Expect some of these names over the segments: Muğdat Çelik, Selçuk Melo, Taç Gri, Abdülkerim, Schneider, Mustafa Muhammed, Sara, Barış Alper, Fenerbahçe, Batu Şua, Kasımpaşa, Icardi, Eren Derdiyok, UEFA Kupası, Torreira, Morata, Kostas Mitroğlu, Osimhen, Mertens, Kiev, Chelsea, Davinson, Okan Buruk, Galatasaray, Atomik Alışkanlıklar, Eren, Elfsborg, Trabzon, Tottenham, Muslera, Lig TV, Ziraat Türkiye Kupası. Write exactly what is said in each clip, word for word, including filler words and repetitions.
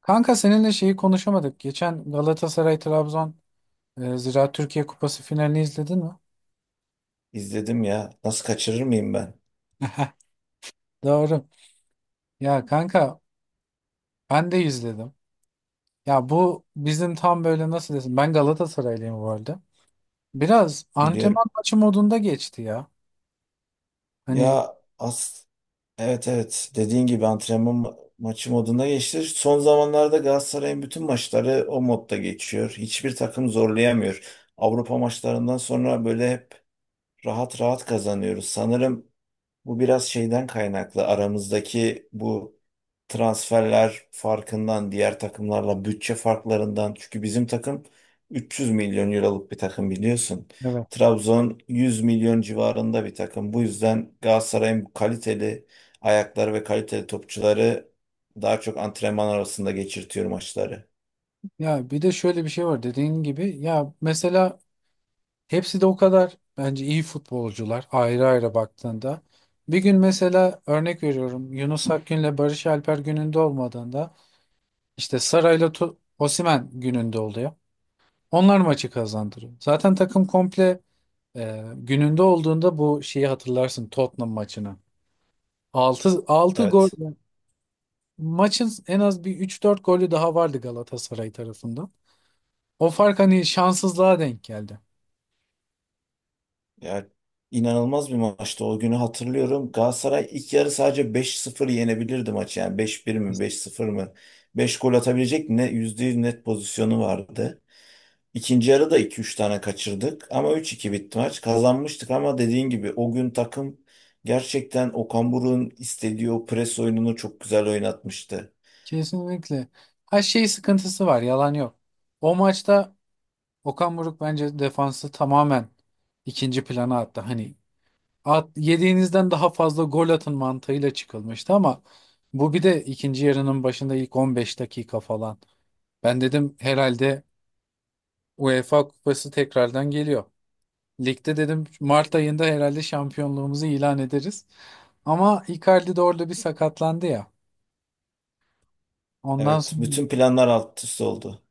Kanka seninle şeyi konuşamadık. Geçen Galatasaray Trabzon e, Ziraat Türkiye Kupası finalini izledin mi? İzledim ya. Nasıl kaçırır mıyım ben? Doğru. Ya kanka ben de izledim. Ya bu bizim tam böyle nasıl desin? Ben Galatasaraylıyım bu arada. Biraz Biliyorum. antrenman maçı modunda geçti ya. Hani Ya as evet evet, dediğin gibi antrenman ma- maçı moduna geçti. Son zamanlarda Galatasaray'ın bütün maçları o modda geçiyor. Hiçbir takım zorlayamıyor. Avrupa maçlarından sonra böyle hep rahat rahat kazanıyoruz. Sanırım bu biraz şeyden kaynaklı. Aramızdaki bu transferler farkından, diğer takımlarla bütçe farklarından. Çünkü bizim takım üç yüz milyon euroluk bir takım biliyorsun. evet. Trabzon yüz milyon civarında bir takım. Bu yüzden Galatasaray'ın bu kaliteli ayakları ve kaliteli topçuları daha çok antrenman arasında geçirtiyor maçları. Ya bir de şöyle bir şey var, dediğin gibi, ya mesela hepsi de o kadar bence iyi futbolcular, ayrı ayrı baktığında. Bir gün mesela, örnek veriyorum, Yunus Akgün'le Barış Alper gününde olmadığında İşte Saray'la Tu- Osimhen gününde oluyor. Onlar maçı kazandırıyor. Zaten takım komple e, gününde olduğunda, bu şeyi hatırlarsın, Tottenham maçını. Altı altı gol, Evet. maçın en az bir üç dört golü daha vardı Galatasaray tarafından. O fark hani şanssızlığa denk geldi. Ya, inanılmaz bir maçtı. O günü hatırlıyorum. Galatasaray ilk yarı sadece beş sıfır yenebilirdi maçı. Yani beş bir mi, beş sıfır mı? Beş gol atabilecek ne yüzde yüz net pozisyonu vardı. İkinci yarı da iki üç tane kaçırdık ama üç iki bitti maç. Kazanmıştık ama dediğin gibi o gün takım gerçekten Okan Buruk'un istediği o pres oyununu çok güzel oynatmıştı. Kesinlikle. Her şey sıkıntısı var, yalan yok. O maçta Okan Buruk bence defansı tamamen ikinci plana attı. Hani at, yediğinizden daha fazla gol atın mantığıyla çıkılmıştı, ama bu bir de ikinci yarının başında ilk on beş dakika falan. Ben dedim herhalde UEFA Kupası tekrardan geliyor. Ligde dedim Mart ayında herhalde şampiyonluğumuzu ilan ederiz. Ama Icardi de orada bir sakatlandı ya. Ondan Evet, sonra bütün planlar alt üst oldu.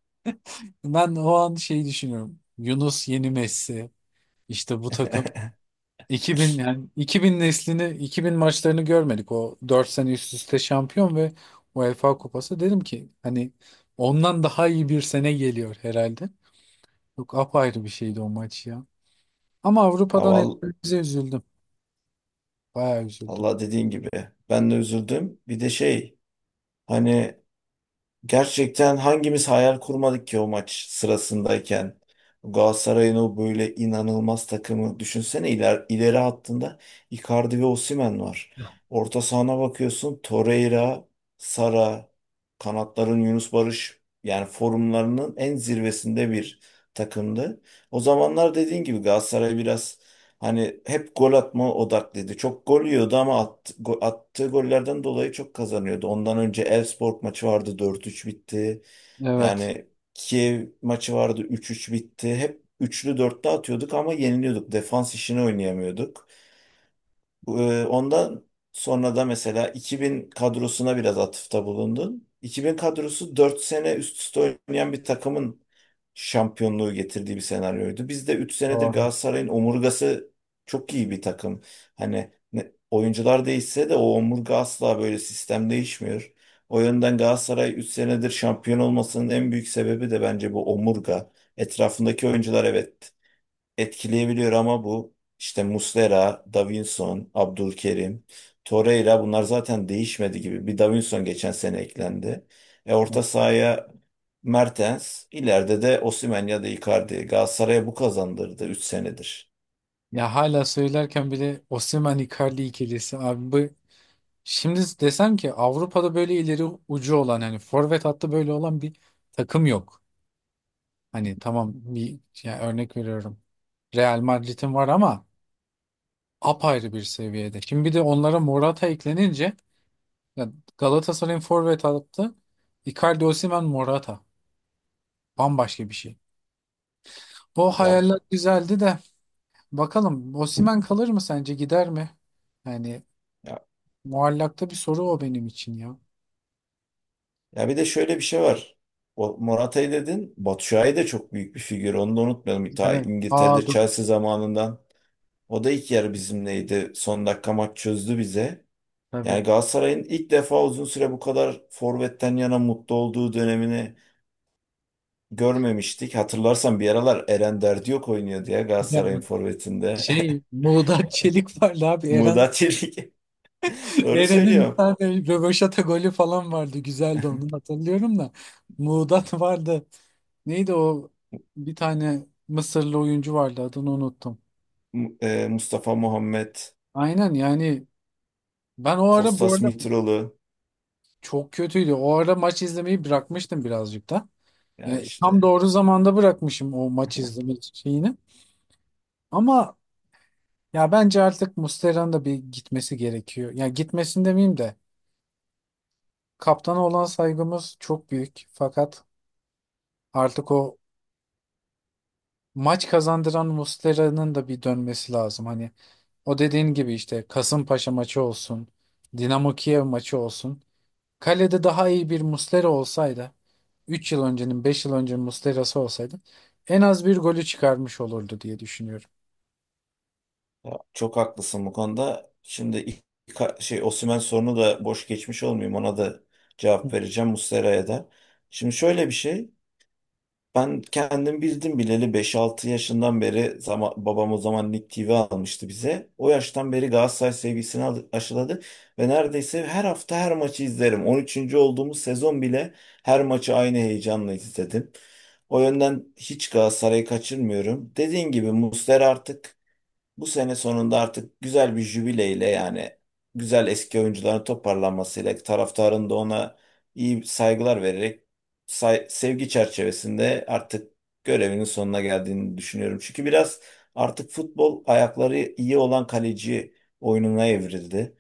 ben o an şeyi düşünüyorum. Yunus yeni Messi. İşte bu takım iki bin, yani iki bin neslini, iki bin maçlarını görmedik. O dört sene üst üste şampiyon ve UEFA Kupası, dedim ki hani ondan daha iyi bir sene geliyor herhalde. Yok, apayrı bir şeydi o maç ya. Ama Ha, Avrupa'dan val- elbette üzüldüm. Bayağı üzüldüm. Valla dediğin gibi. Ben de üzüldüm. Bir de şey hani gerçekten hangimiz hayal kurmadık ki o maç sırasındayken? Galatasaray'ın o böyle inanılmaz takımı düşünsene, iler, ileri hattında Icardi ve Osimhen var. Orta sahana bakıyorsun Torreira, Sara, kanatların Yunus Barış, yani formlarının en zirvesinde bir takımdı. O zamanlar dediğin gibi Galatasaray biraz hani hep gol atma odaklıydı. Çok gol yiyordu ama at- go- attığı gollerden dolayı çok kazanıyordu. Ondan önce Elfsborg maçı vardı, dört üç bitti. Evet. Yani Kiev maçı vardı, üç üç bitti. Hep üçlü dörtlü atıyorduk ama yeniliyorduk. Defans işini oynayamıyorduk. Ee, Ondan sonra da mesela iki bin kadrosuna biraz atıfta bulundun. iki bin kadrosu dört sene üst üste oynayan bir takımın şampiyonluğu getirdiği bir senaryoydu. Biz de üç senedir Doğru. Galatasaray'ın omurgası çok iyi bir takım. Hani ne- oyuncular değişse de o omurga, asla böyle sistem değişmiyor. O yönden Galatasaray üç senedir şampiyon olmasının en büyük sebebi de bence bu omurga. Etrafındaki oyuncular evet etkileyebiliyor ama bu işte Muslera, Davinson, Abdülkerim, Torreira bunlar zaten değişmedi gibi. Bir Davinson geçen sene eklendi. E orta sahaya Mertens, ileride de Osimhen ya da Icardi. Galatasaray'a bu kazandırdı üç senedir. Ya hala söylerken bile Osimhen Icardi ikilisi, abi bu, şimdi desem ki Avrupa'da böyle ileri ucu olan, hani forvet hattı böyle olan bir takım yok. Hani tamam, bir yani örnek veriyorum. Real Madrid'in var ama apayrı bir seviyede. Şimdi bir de onlara Morata eklenince, ya, Galatasaray'ın forvet hattı Icardi, Osimhen, Morata, bambaşka bir şey. O Ya, hayaller güzeldi de, bakalım Osimhen kalır mı sence, gider mi? Yani ya, muallakta bir soru o, benim için ya. ya bir de şöyle bir şey var. O Morata'yı dedin. Batu Şua'yı da, çok büyük bir figür. Onu da unutmayalım. Ta Evet. Aa, İngiltere'de dur. Chelsea zamanından. O da ilk yarı bizimleydi. Son dakika maç çözdü bize. Yani Tabii. Galatasaray'ın ilk defa uzun süre bu kadar forvetten yana mutlu olduğu dönemini görmemiştik. Hatırlarsan bir aralar Eren Derdiyok oynuyordu ya Galatasaray'ın Yani forvetinde. şey Muğdat Çelik vardı abi Eren Muğdat Çelik. Doğru Eren'in bir söylüyorum. tane röveşata golü falan vardı. Güzeldi, onu hatırlıyorum da. Muğdat vardı. Neydi o, bir tane Mısırlı oyuncu vardı, adını unuttum. Mu- e, Mustafa Muhammed, Aynen. Yani ben o ara, bu Kostas arada, Mitroğlu. çok kötüydü. O ara maç izlemeyi bırakmıştım birazcık da. Yani Yani tam işte, doğru zamanda bırakmışım o maç izleme şeyini. Ama ya bence artık Muslera'nın da bir gitmesi gerekiyor. Ya gitmesin demeyeyim de, kaptana olan saygımız çok büyük. Fakat artık o maç kazandıran Muslera'nın da bir dönmesi lazım. Hani o dediğin gibi, işte Kasımpaşa maçı olsun, Dinamo Kiev maçı olsun. Kalede daha iyi bir Muslera olsaydı, üç yıl öncenin, beş yıl öncenin Muslera'sı olsaydı, en az bir golü çıkarmış olurdu diye düşünüyorum. ya çok haklısın bu konuda. Şimdi ilk- ilk- şey Osimhen sorunu da boş geçmiş olmayayım. Ona da cevap vereceğim, Muslera'ya da. Şimdi şöyle bir şey. Ben kendim bildim bileli beş altı yaşından beri zaman, babam o zaman Lig T V almıştı bize. O yaştan beri Galatasaray sevgisini al- aşıladı ve neredeyse her hafta her maçı izlerim. On üçüncü olduğumuz sezon bile her maçı aynı heyecanla izledim. O yönden hiç Galatasaray'ı kaçırmıyorum. Dediğin gibi Muslera artık bu sene sonunda artık güzel bir jübileyle, yani güzel eski oyuncuların toparlanmasıyla, taraftarın da ona iyi saygılar vererek, say- sevgi çerçevesinde artık görevinin sonuna geldiğini düşünüyorum. Çünkü biraz artık futbol ayakları iyi olan kaleci oyununa evrildi.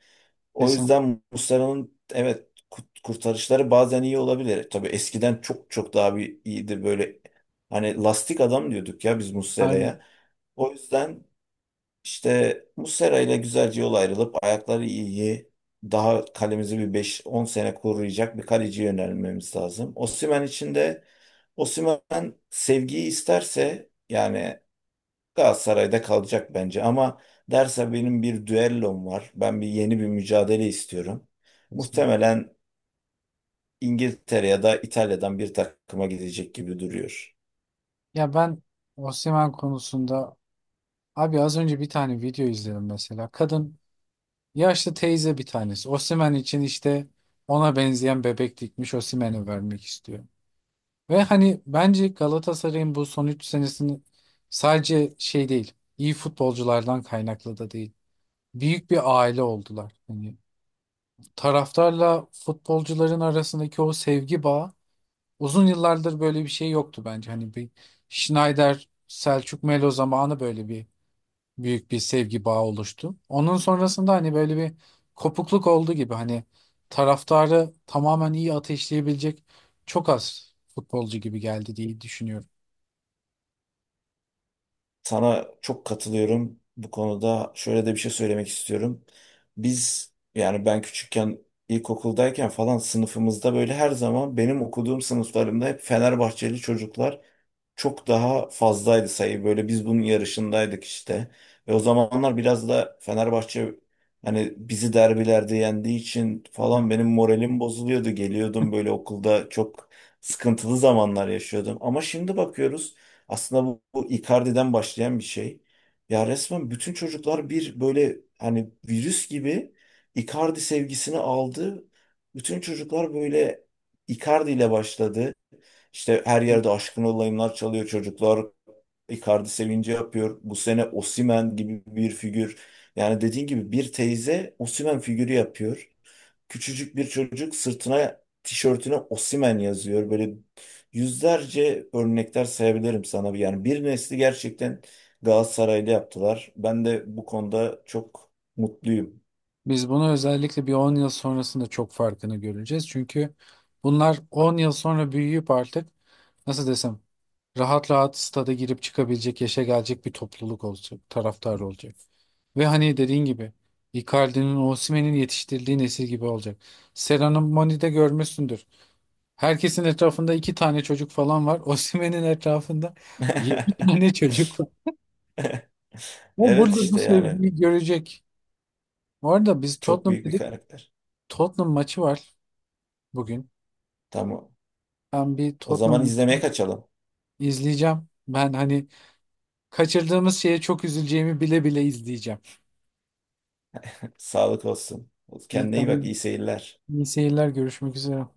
O Kesin. yüzden Muslera'nın evet kurt- kurtarışları bazen iyi olabilir. Tabii eskiden çok çok daha bir iyiydi, böyle hani lastik adam diyorduk ya biz Harbi. Muslera'ya. O yüzden işte Muslera ile güzelce yol ayrılıp ayakları iyi, daha kalemizi bir beş on sene koruyacak bir kaleci yönelmemiz lazım. Osimhen için de Osimhen sevgiyi isterse, yani Galatasaray'da kalacak bence ama derse benim bir düellom var, ben bir yeni bir mücadele istiyorum. Kesin. Muhtemelen İngiltere ya da İtalya'dan bir takıma gidecek gibi duruyor. Ya ben Osimhen konusunda, abi az önce bir tane video izledim mesela. Kadın, yaşlı teyze bir tanesi, Osimhen için işte ona benzeyen bebek dikmiş, Osimhen'e vermek istiyor. Ve hani bence Galatasaray'ın bu son üç senesini sadece şey değil, iyi futbolculardan kaynaklı da değil. Büyük bir aile oldular. Hani taraftarla futbolcuların arasındaki o sevgi bağı, uzun yıllardır böyle bir şey yoktu bence. Hani bir Schneider, Selçuk Melo zamanı böyle bir büyük bir sevgi bağı oluştu. Onun sonrasında hani böyle bir kopukluk oldu gibi, hani taraftarı tamamen iyi ateşleyebilecek çok az futbolcu gibi geldi diye düşünüyorum. Sana çok katılıyorum bu konuda. Şöyle de bir şey söylemek istiyorum. Biz yani ben küçükken, ilkokuldayken falan sınıfımızda böyle her zaman benim okuduğum sınıflarımda hep Fenerbahçeli çocuklar çok daha fazlaydı sayı. Böyle biz bunun yarışındaydık işte. Ve o zamanlar biraz da Fenerbahçe hani bizi derbilerde yendiği için falan benim moralim bozuluyordu. Geliyordum böyle okulda, çok sıkıntılı zamanlar yaşıyordum. Ama şimdi bakıyoruz aslında bu, bu Icardi'den başlayan bir şey. Ya resmen bütün çocuklar bir böyle hani virüs gibi Icardi sevgisini aldı. Bütün çocuklar böyle Icardi ile başladı. İşte her yerde aşkın olayımlar çalıyor çocuklar. Icardi sevinci yapıyor. Bu sene Osimhen gibi bir figür. Yani dediğin gibi bir teyze Osimhen figürü yapıyor. Küçücük bir çocuk sırtına, tişörtüne Osimhen yazıyor. Böyle yüzlerce örnekler sayabilirim sana. Yani bir nesli gerçekten Galatasaraylı yaptılar. Ben de bu konuda çok mutluyum. Biz bunu özellikle bir on yıl sonrasında çok farkını göreceğiz. Çünkü bunlar on yıl sonra büyüyüp artık, nasıl desem, rahat rahat stada girip çıkabilecek yaşa gelecek bir topluluk olacak, taraftar olacak. Ve hani dediğin gibi Icardi'nin, Osimhen'in yetiştirildiği nesil gibi olacak. Serhan'ın Moni'de görmüşsündür. Herkesin etrafında iki tane çocuk falan var. Osimhen'in etrafında yedi tane çocuk var. O Evet burada bu işte yani sevgiyi görecek. Bu arada biz çok Tottenham büyük bir dedik. karakter. Tottenham maçı var bugün. Tamam. Ben bir O zaman Tottenham'ı izlemeye kaçalım. izleyeceğim. Ben hani kaçırdığımız şeye çok üzüleceğimi bile bile izleyeceğim. Sağlık olsun. İyi, Kendine iyi bak. tamam. İyi seyirler. İyi seyirler. Görüşmek üzere.